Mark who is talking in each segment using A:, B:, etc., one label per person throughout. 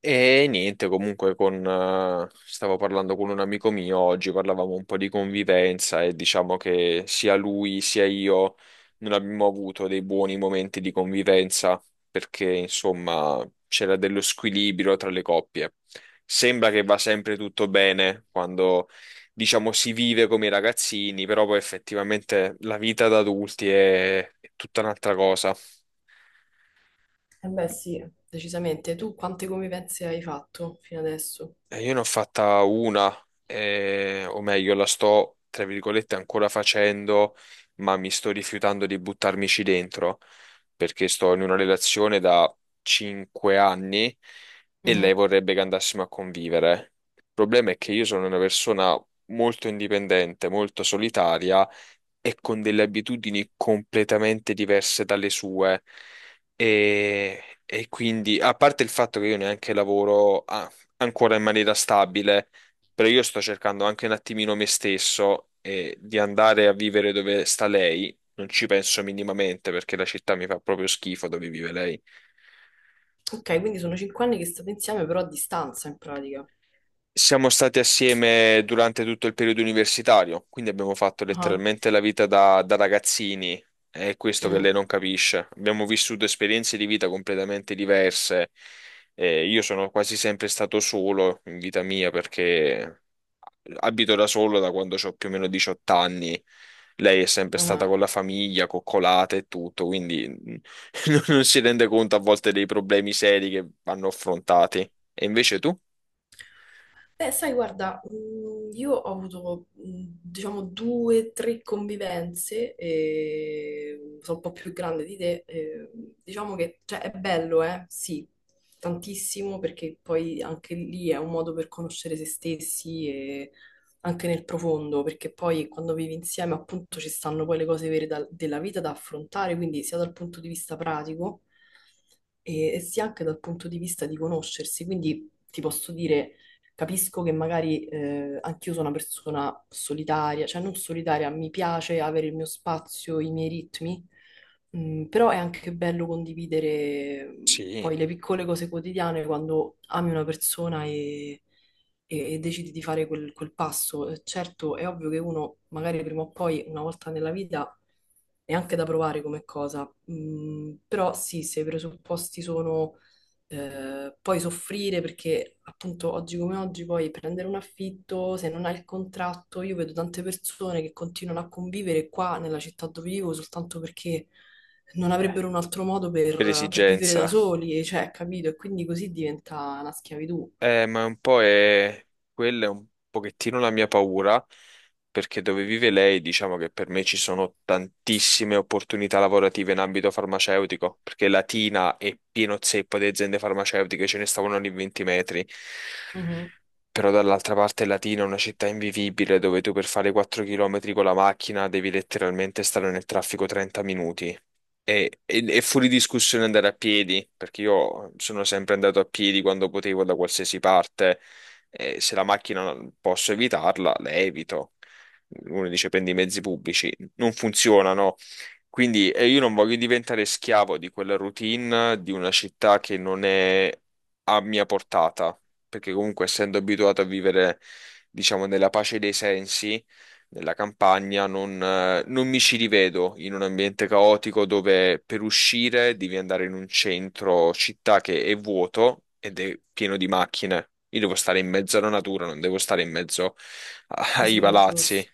A: E niente, comunque con, stavo parlando con un amico mio oggi, parlavamo un po' di convivenza e diciamo che sia lui sia io non abbiamo avuto dei buoni momenti di convivenza perché insomma c'era dello squilibrio tra le coppie. Sembra che va sempre tutto bene quando diciamo si vive come i ragazzini, però poi effettivamente la vita da adulti è tutta un'altra cosa.
B: Eh beh, sì, decisamente. Tu quante convivenze hai fatto fino adesso?
A: Io ne ho fatta una, o meglio, la sto, tra virgolette, ancora facendo, ma mi sto rifiutando di buttarmici dentro, perché sto in una relazione da 5 anni e lei
B: Mhm.
A: vorrebbe che andassimo a convivere. Il problema è che io sono una persona molto indipendente, molto solitaria e con delle abitudini completamente diverse dalle sue. E quindi, a parte il fatto che io neanche lavoro, ancora in maniera stabile, però io sto cercando anche un attimino me stesso e di andare a vivere dove sta lei. Non ci penso minimamente perché la città mi fa proprio schifo dove vive lei.
B: Ok, quindi sono cinque anni che state insieme, però a distanza in pratica.
A: Siamo stati assieme durante tutto il periodo universitario, quindi abbiamo fatto
B: Ah,
A: letteralmente la vita da ragazzini, è questo che
B: mm,
A: lei non capisce. Abbiamo vissuto esperienze di vita completamente diverse. Io sono quasi sempre stato solo in vita mia perché abito da solo da quando ho più o meno 18 anni. Lei è sempre stata
B: ah.
A: con la famiglia, coccolata e tutto, quindi non si rende conto a volte dei problemi seri che vanno affrontati. E invece tu?
B: Beh, sai, guarda, io ho avuto, diciamo, due, o tre convivenze, e sono un po' più grande di te, e diciamo che, cioè, è bello, eh? Sì, tantissimo, perché poi anche lì è un modo per conoscere se stessi e anche nel profondo, perché poi quando vivi insieme, appunto, ci stanno poi le cose vere della vita da affrontare, quindi sia dal punto di vista pratico e sia anche dal punto di vista di conoscersi, quindi ti posso dire. Capisco che magari anch'io sono una persona solitaria, cioè non solitaria, mi piace avere il mio spazio, i miei ritmi, però è anche bello condividere
A: Sì,
B: poi le piccole cose quotidiane quando ami una persona e, e decidi di fare quel passo. Certo, è ovvio che uno magari prima o poi, una volta nella vita, è anche da provare come cosa, però sì, se i presupposti sono poi soffrire perché appunto oggi come oggi poi prendere un affitto, se non hai il contratto, io vedo tante persone che continuano a convivere qua nella città dove vivo soltanto perché non
A: eh,
B: avrebbero un altro modo
A: per
B: per vivere da
A: esigenza.
B: soli, cioè, capito? E quindi così diventa una schiavitù.
A: Ma un po' è... quella è un pochettino la mia paura, perché dove vive lei, diciamo che per me ci sono tantissime opportunità lavorative in ambito farmaceutico, perché Latina è pieno zeppo di aziende farmaceutiche, ce ne stavano ogni 20 metri.
B: Mhm.
A: Però dall'altra parte Latina è una città invivibile dove tu per fare 4 km con la macchina devi letteralmente stare nel traffico 30 minuti. E, è fuori discussione andare a piedi, perché io sono sempre andato a piedi quando potevo da qualsiasi parte. E se la macchina posso evitarla, la evito. Uno dice prendi i mezzi pubblici, non funzionano. Quindi io non voglio diventare schiavo di quella routine di una città che non è a mia portata, perché comunque essendo abituato a vivere, diciamo, nella pace dei sensi nella campagna, non, non mi ci rivedo in un ambiente caotico dove per uscire devi andare in un centro città che è vuoto ed è pieno di macchine. Io devo stare in mezzo alla natura, non devo stare in mezzo
B: Mi
A: ai
B: sembra
A: palazzi.
B: giusto.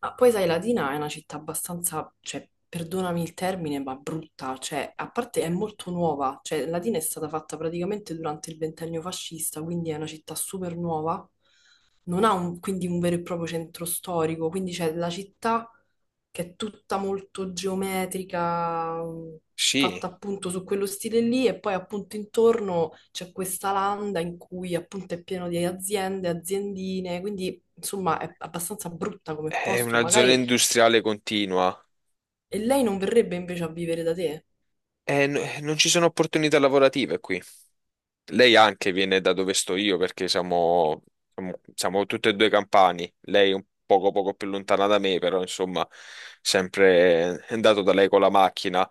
B: Ma poi sai, Latina è una città abbastanza, cioè, perdonami il termine, ma brutta, cioè, a parte è molto nuova, cioè, Latina è stata fatta praticamente durante il ventennio fascista, quindi è una città super nuova, non ha quindi un vero e proprio centro storico, quindi c'è la città che è tutta molto geometrica, fatta
A: Sì,
B: appunto su quello stile lì, e poi appunto intorno c'è questa landa in cui appunto è pieno di aziende, aziendine, quindi insomma è abbastanza brutta come
A: è
B: posto,
A: una zona
B: magari
A: industriale continua
B: e lei non verrebbe invece a vivere da te?
A: e non ci sono opportunità lavorative qui. Lei anche viene da dove sto io perché siamo, siamo, tutte e due campani. Lei un poco, poco più lontana da me, però insomma, sempre è andato da lei con la macchina.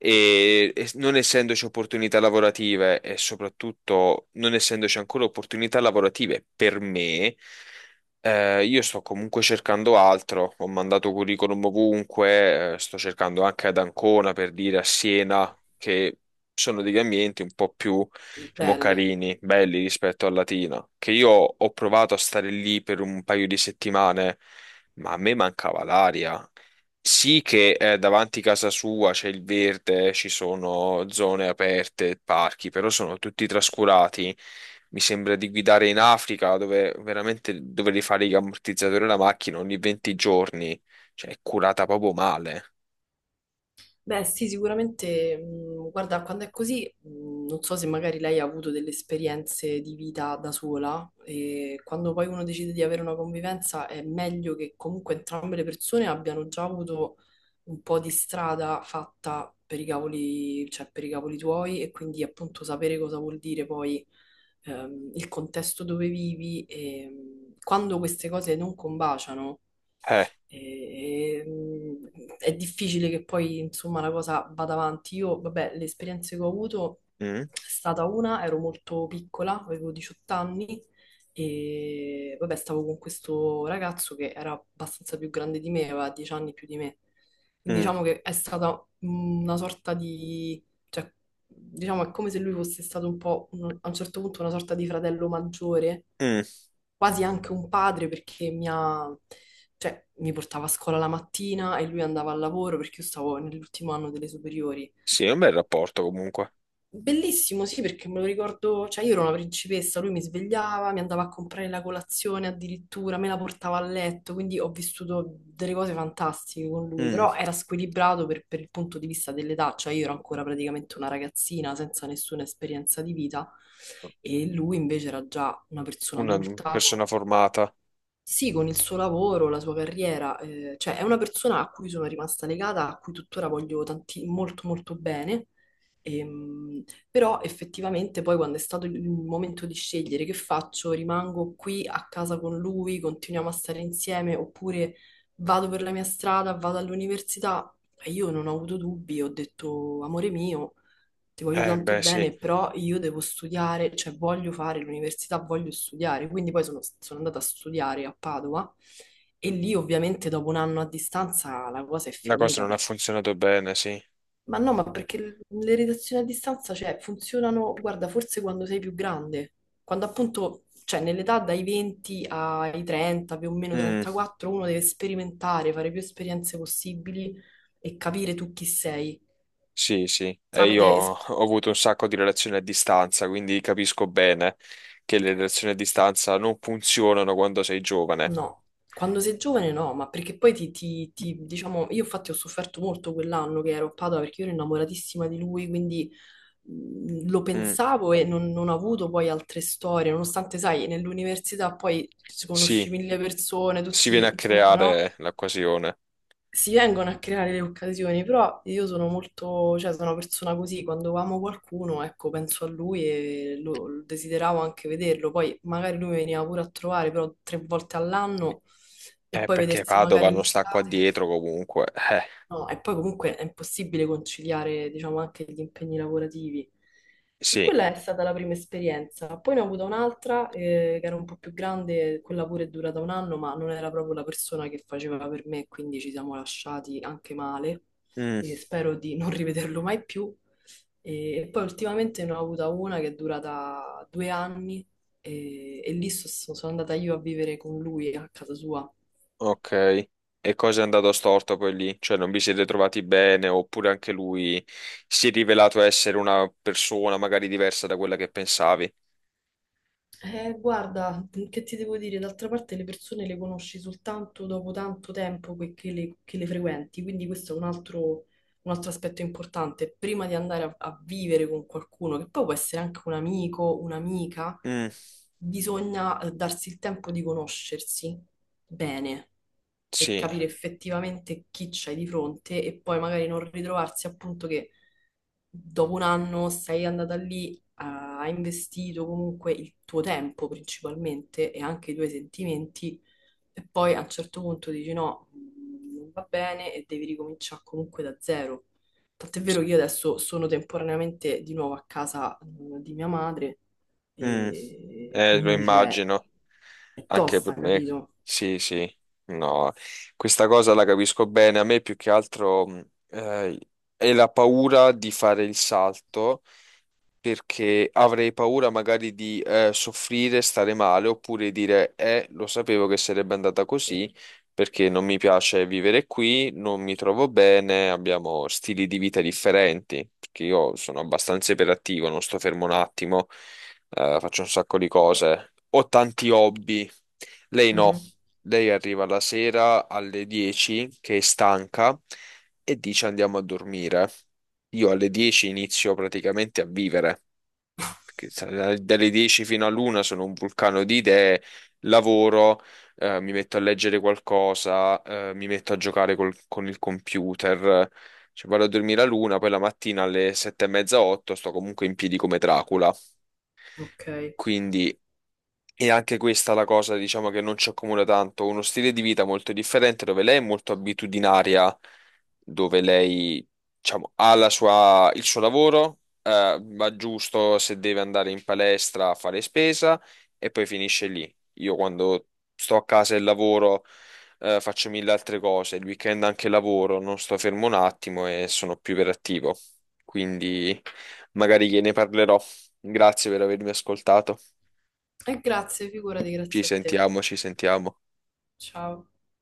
A: E non essendoci opportunità lavorative e soprattutto non essendoci ancora opportunità lavorative per me, io sto comunque cercando altro. Ho mandato curriculum ovunque, sto cercando anche ad Ancona per dire a Siena che sono degli ambienti un po' più diciamo,
B: Belle.
A: carini, belli rispetto al latino, che io ho provato a stare lì per un paio di settimane, ma a me mancava l'aria. Sì che davanti a casa sua c'è il verde, ci sono zone aperte, parchi, però sono tutti trascurati. Mi sembra di guidare in Africa dove veramente dovevi fare gli ammortizzatori alla macchina ogni 20 giorni, cioè è curata proprio male.
B: Beh, sì, sicuramente, guarda, quando è così, non so se magari lei ha avuto delle esperienze di vita da sola e quando poi uno decide di avere una convivenza è meglio che comunque entrambe le persone abbiano già avuto un po' di strada fatta per i cavoli, cioè per i cavoli tuoi e quindi appunto sapere cosa vuol dire poi il contesto dove vivi e quando queste cose non combaciano.
A: Eh,
B: È difficile che poi, insomma, la cosa vada avanti. Io, vabbè, le esperienze che ho avuto
A: mm,
B: è stata una, ero molto piccola, avevo 18 anni e, vabbè, stavo con questo ragazzo che era abbastanza più grande di me, aveva 10 anni più di me. Quindi
A: mm,
B: diciamo che è stata una sorta di... cioè, diciamo è come se lui fosse stato un po', a un certo punto, una sorta di fratello maggiore
A: mm.
B: quasi anche un padre perché mi ha, cioè, mi portava a scuola la mattina e lui andava al lavoro perché io stavo nell'ultimo anno delle superiori.
A: Sì, è un bel rapporto comunque.
B: Bellissimo, sì, perché me lo ricordo, cioè io ero una principessa, lui mi svegliava, mi andava a comprare la colazione addirittura, me la portava a letto, quindi ho vissuto delle cose fantastiche con lui,
A: Mm.
B: però era squilibrato per il punto di vista dell'età, cioè io ero ancora praticamente una ragazzina senza nessuna esperienza di vita e lui invece era già una persona
A: Una
B: adulta
A: persona
B: con
A: formata.
B: sì, con il suo lavoro, la sua carriera, cioè è una persona a cui sono rimasta legata, a cui tuttora voglio molto molto bene. Ehm, Però effettivamente poi quando è stato il momento di scegliere che faccio, rimango qui a casa con lui, continuiamo a stare insieme oppure vado per la mia strada, vado all'università, e io non ho avuto dubbi, ho detto amore mio ti voglio tanto
A: Beh, sì,
B: bene, però io devo studiare, cioè voglio fare l'università, voglio studiare. Quindi poi sono andata a studiare a Padova e lì ovviamente dopo un anno a distanza la cosa è
A: la cosa
B: finita
A: non ha
B: perché...
A: funzionato bene, sì.
B: Ma no, ma perché le redazioni a distanza, cioè, funzionano, guarda, forse quando sei più grande, quando appunto, cioè, nell'età dai 20 ai 30, più o meno
A: Mm,
B: 34, uno deve sperimentare, fare più esperienze possibili e capire tu chi sei
A: sì, sì. E io
B: tramite
A: ho
B: es-
A: ho avuto un sacco di relazioni a distanza, quindi capisco bene che le relazioni a distanza non funzionano quando sei giovane.
B: No, quando sei giovane no, ma perché poi diciamo, io infatti ho sofferto molto quell'anno che ero a Padova perché io ero innamoratissima di lui, quindi lo
A: Mm,
B: pensavo e non ho avuto poi altre storie, nonostante, sai, nell'università poi ci conosci
A: sì,
B: mille persone,
A: si viene
B: tutti,
A: a
B: insomma, no?
A: creare l'occasione.
B: Si vengono a creare le occasioni, però io sono molto, cioè sono una persona così, quando amo qualcuno, ecco, penso a lui e lo desideravo anche vederlo, poi magari lui veniva pure a trovare, però tre volte all'anno e poi
A: Perché
B: vedersi
A: Padova
B: magari
A: non sta qua dietro
B: l'estate.
A: comunque.
B: No, e poi comunque è impossibile conciliare, diciamo, anche gli impegni lavorativi. E
A: Sì.
B: quella è stata la prima esperienza. Poi ne ho avuta un'altra, che era un po' più grande, quella pure è durata un anno, ma non era proprio la persona che faceva per me, quindi ci siamo lasciati anche male.
A: Mm.
B: E spero di non rivederlo mai più. E poi ultimamente ne ho avuta una che è durata due anni, e lì sono andata io a vivere con lui a casa sua.
A: Ok, e cosa è andato storto poi lì? Cioè non vi siete trovati bene oppure anche lui si è rivelato essere una persona magari diversa da quella che pensavi?
B: Guarda, che ti devo dire? D'altra parte le persone le conosci soltanto dopo tanto tempo che che le frequenti, quindi questo è un altro aspetto importante. Prima di andare a vivere con qualcuno, che poi può essere anche un amico, un'amica,
A: Mm,
B: bisogna darsi il tempo di conoscersi bene per
A: sì,
B: capire effettivamente chi c'hai di fronte e poi magari non ritrovarsi appunto che dopo un anno sei andata lì, ha investito comunque il tuo tempo principalmente e anche i tuoi sentimenti e poi a un certo punto dici no, non va bene e devi ricominciare comunque da zero. Tant'è vero che io adesso sono temporaneamente di nuovo a casa di mia madre
A: mm,
B: e
A: lo
B: quindi cioè,
A: immagino,
B: è
A: anche
B: tosta,
A: per me,
B: capito?
A: sì, sì, no, questa cosa la capisco bene, a me più che altro è la paura di fare il salto perché avrei paura magari di soffrire, stare male, oppure dire, lo sapevo che sarebbe andata così, perché non mi piace vivere qui, non mi trovo bene, abbiamo stili di vita differenti, perché io sono abbastanza iperattivo, non sto fermo un attimo, faccio un sacco di cose, ho tanti hobby, lei no.
B: Mhm.
A: Lei arriva la sera alle 10 che è stanca e dice andiamo a dormire. Io alle 10 inizio praticamente a vivere che dalle 10 fino all'una sono un vulcano di idee, lavoro, mi metto a leggere qualcosa, mi metto a giocare con il computer, cioè vado a dormire all'una, poi la mattina alle 7 e mezza, otto sto comunque in piedi come Dracula.
B: Ok. E
A: Quindi è anche questa la cosa, diciamo, che non ci accomuna tanto. Uno stile di vita molto differente, dove lei è molto abitudinaria, dove lei, diciamo, ha la il suo lavoro, va giusto se deve andare in palestra a fare spesa e poi finisce lì. Io quando sto a casa e lavoro, faccio mille altre cose. Il weekend anche lavoro, non sto fermo un attimo e sono più iperattivo. Quindi magari gliene parlerò. Grazie per avermi ascoltato.
B: grazie, figurati,
A: Ci
B: grazie a te.
A: sentiamo, ci sentiamo.
B: Ciao.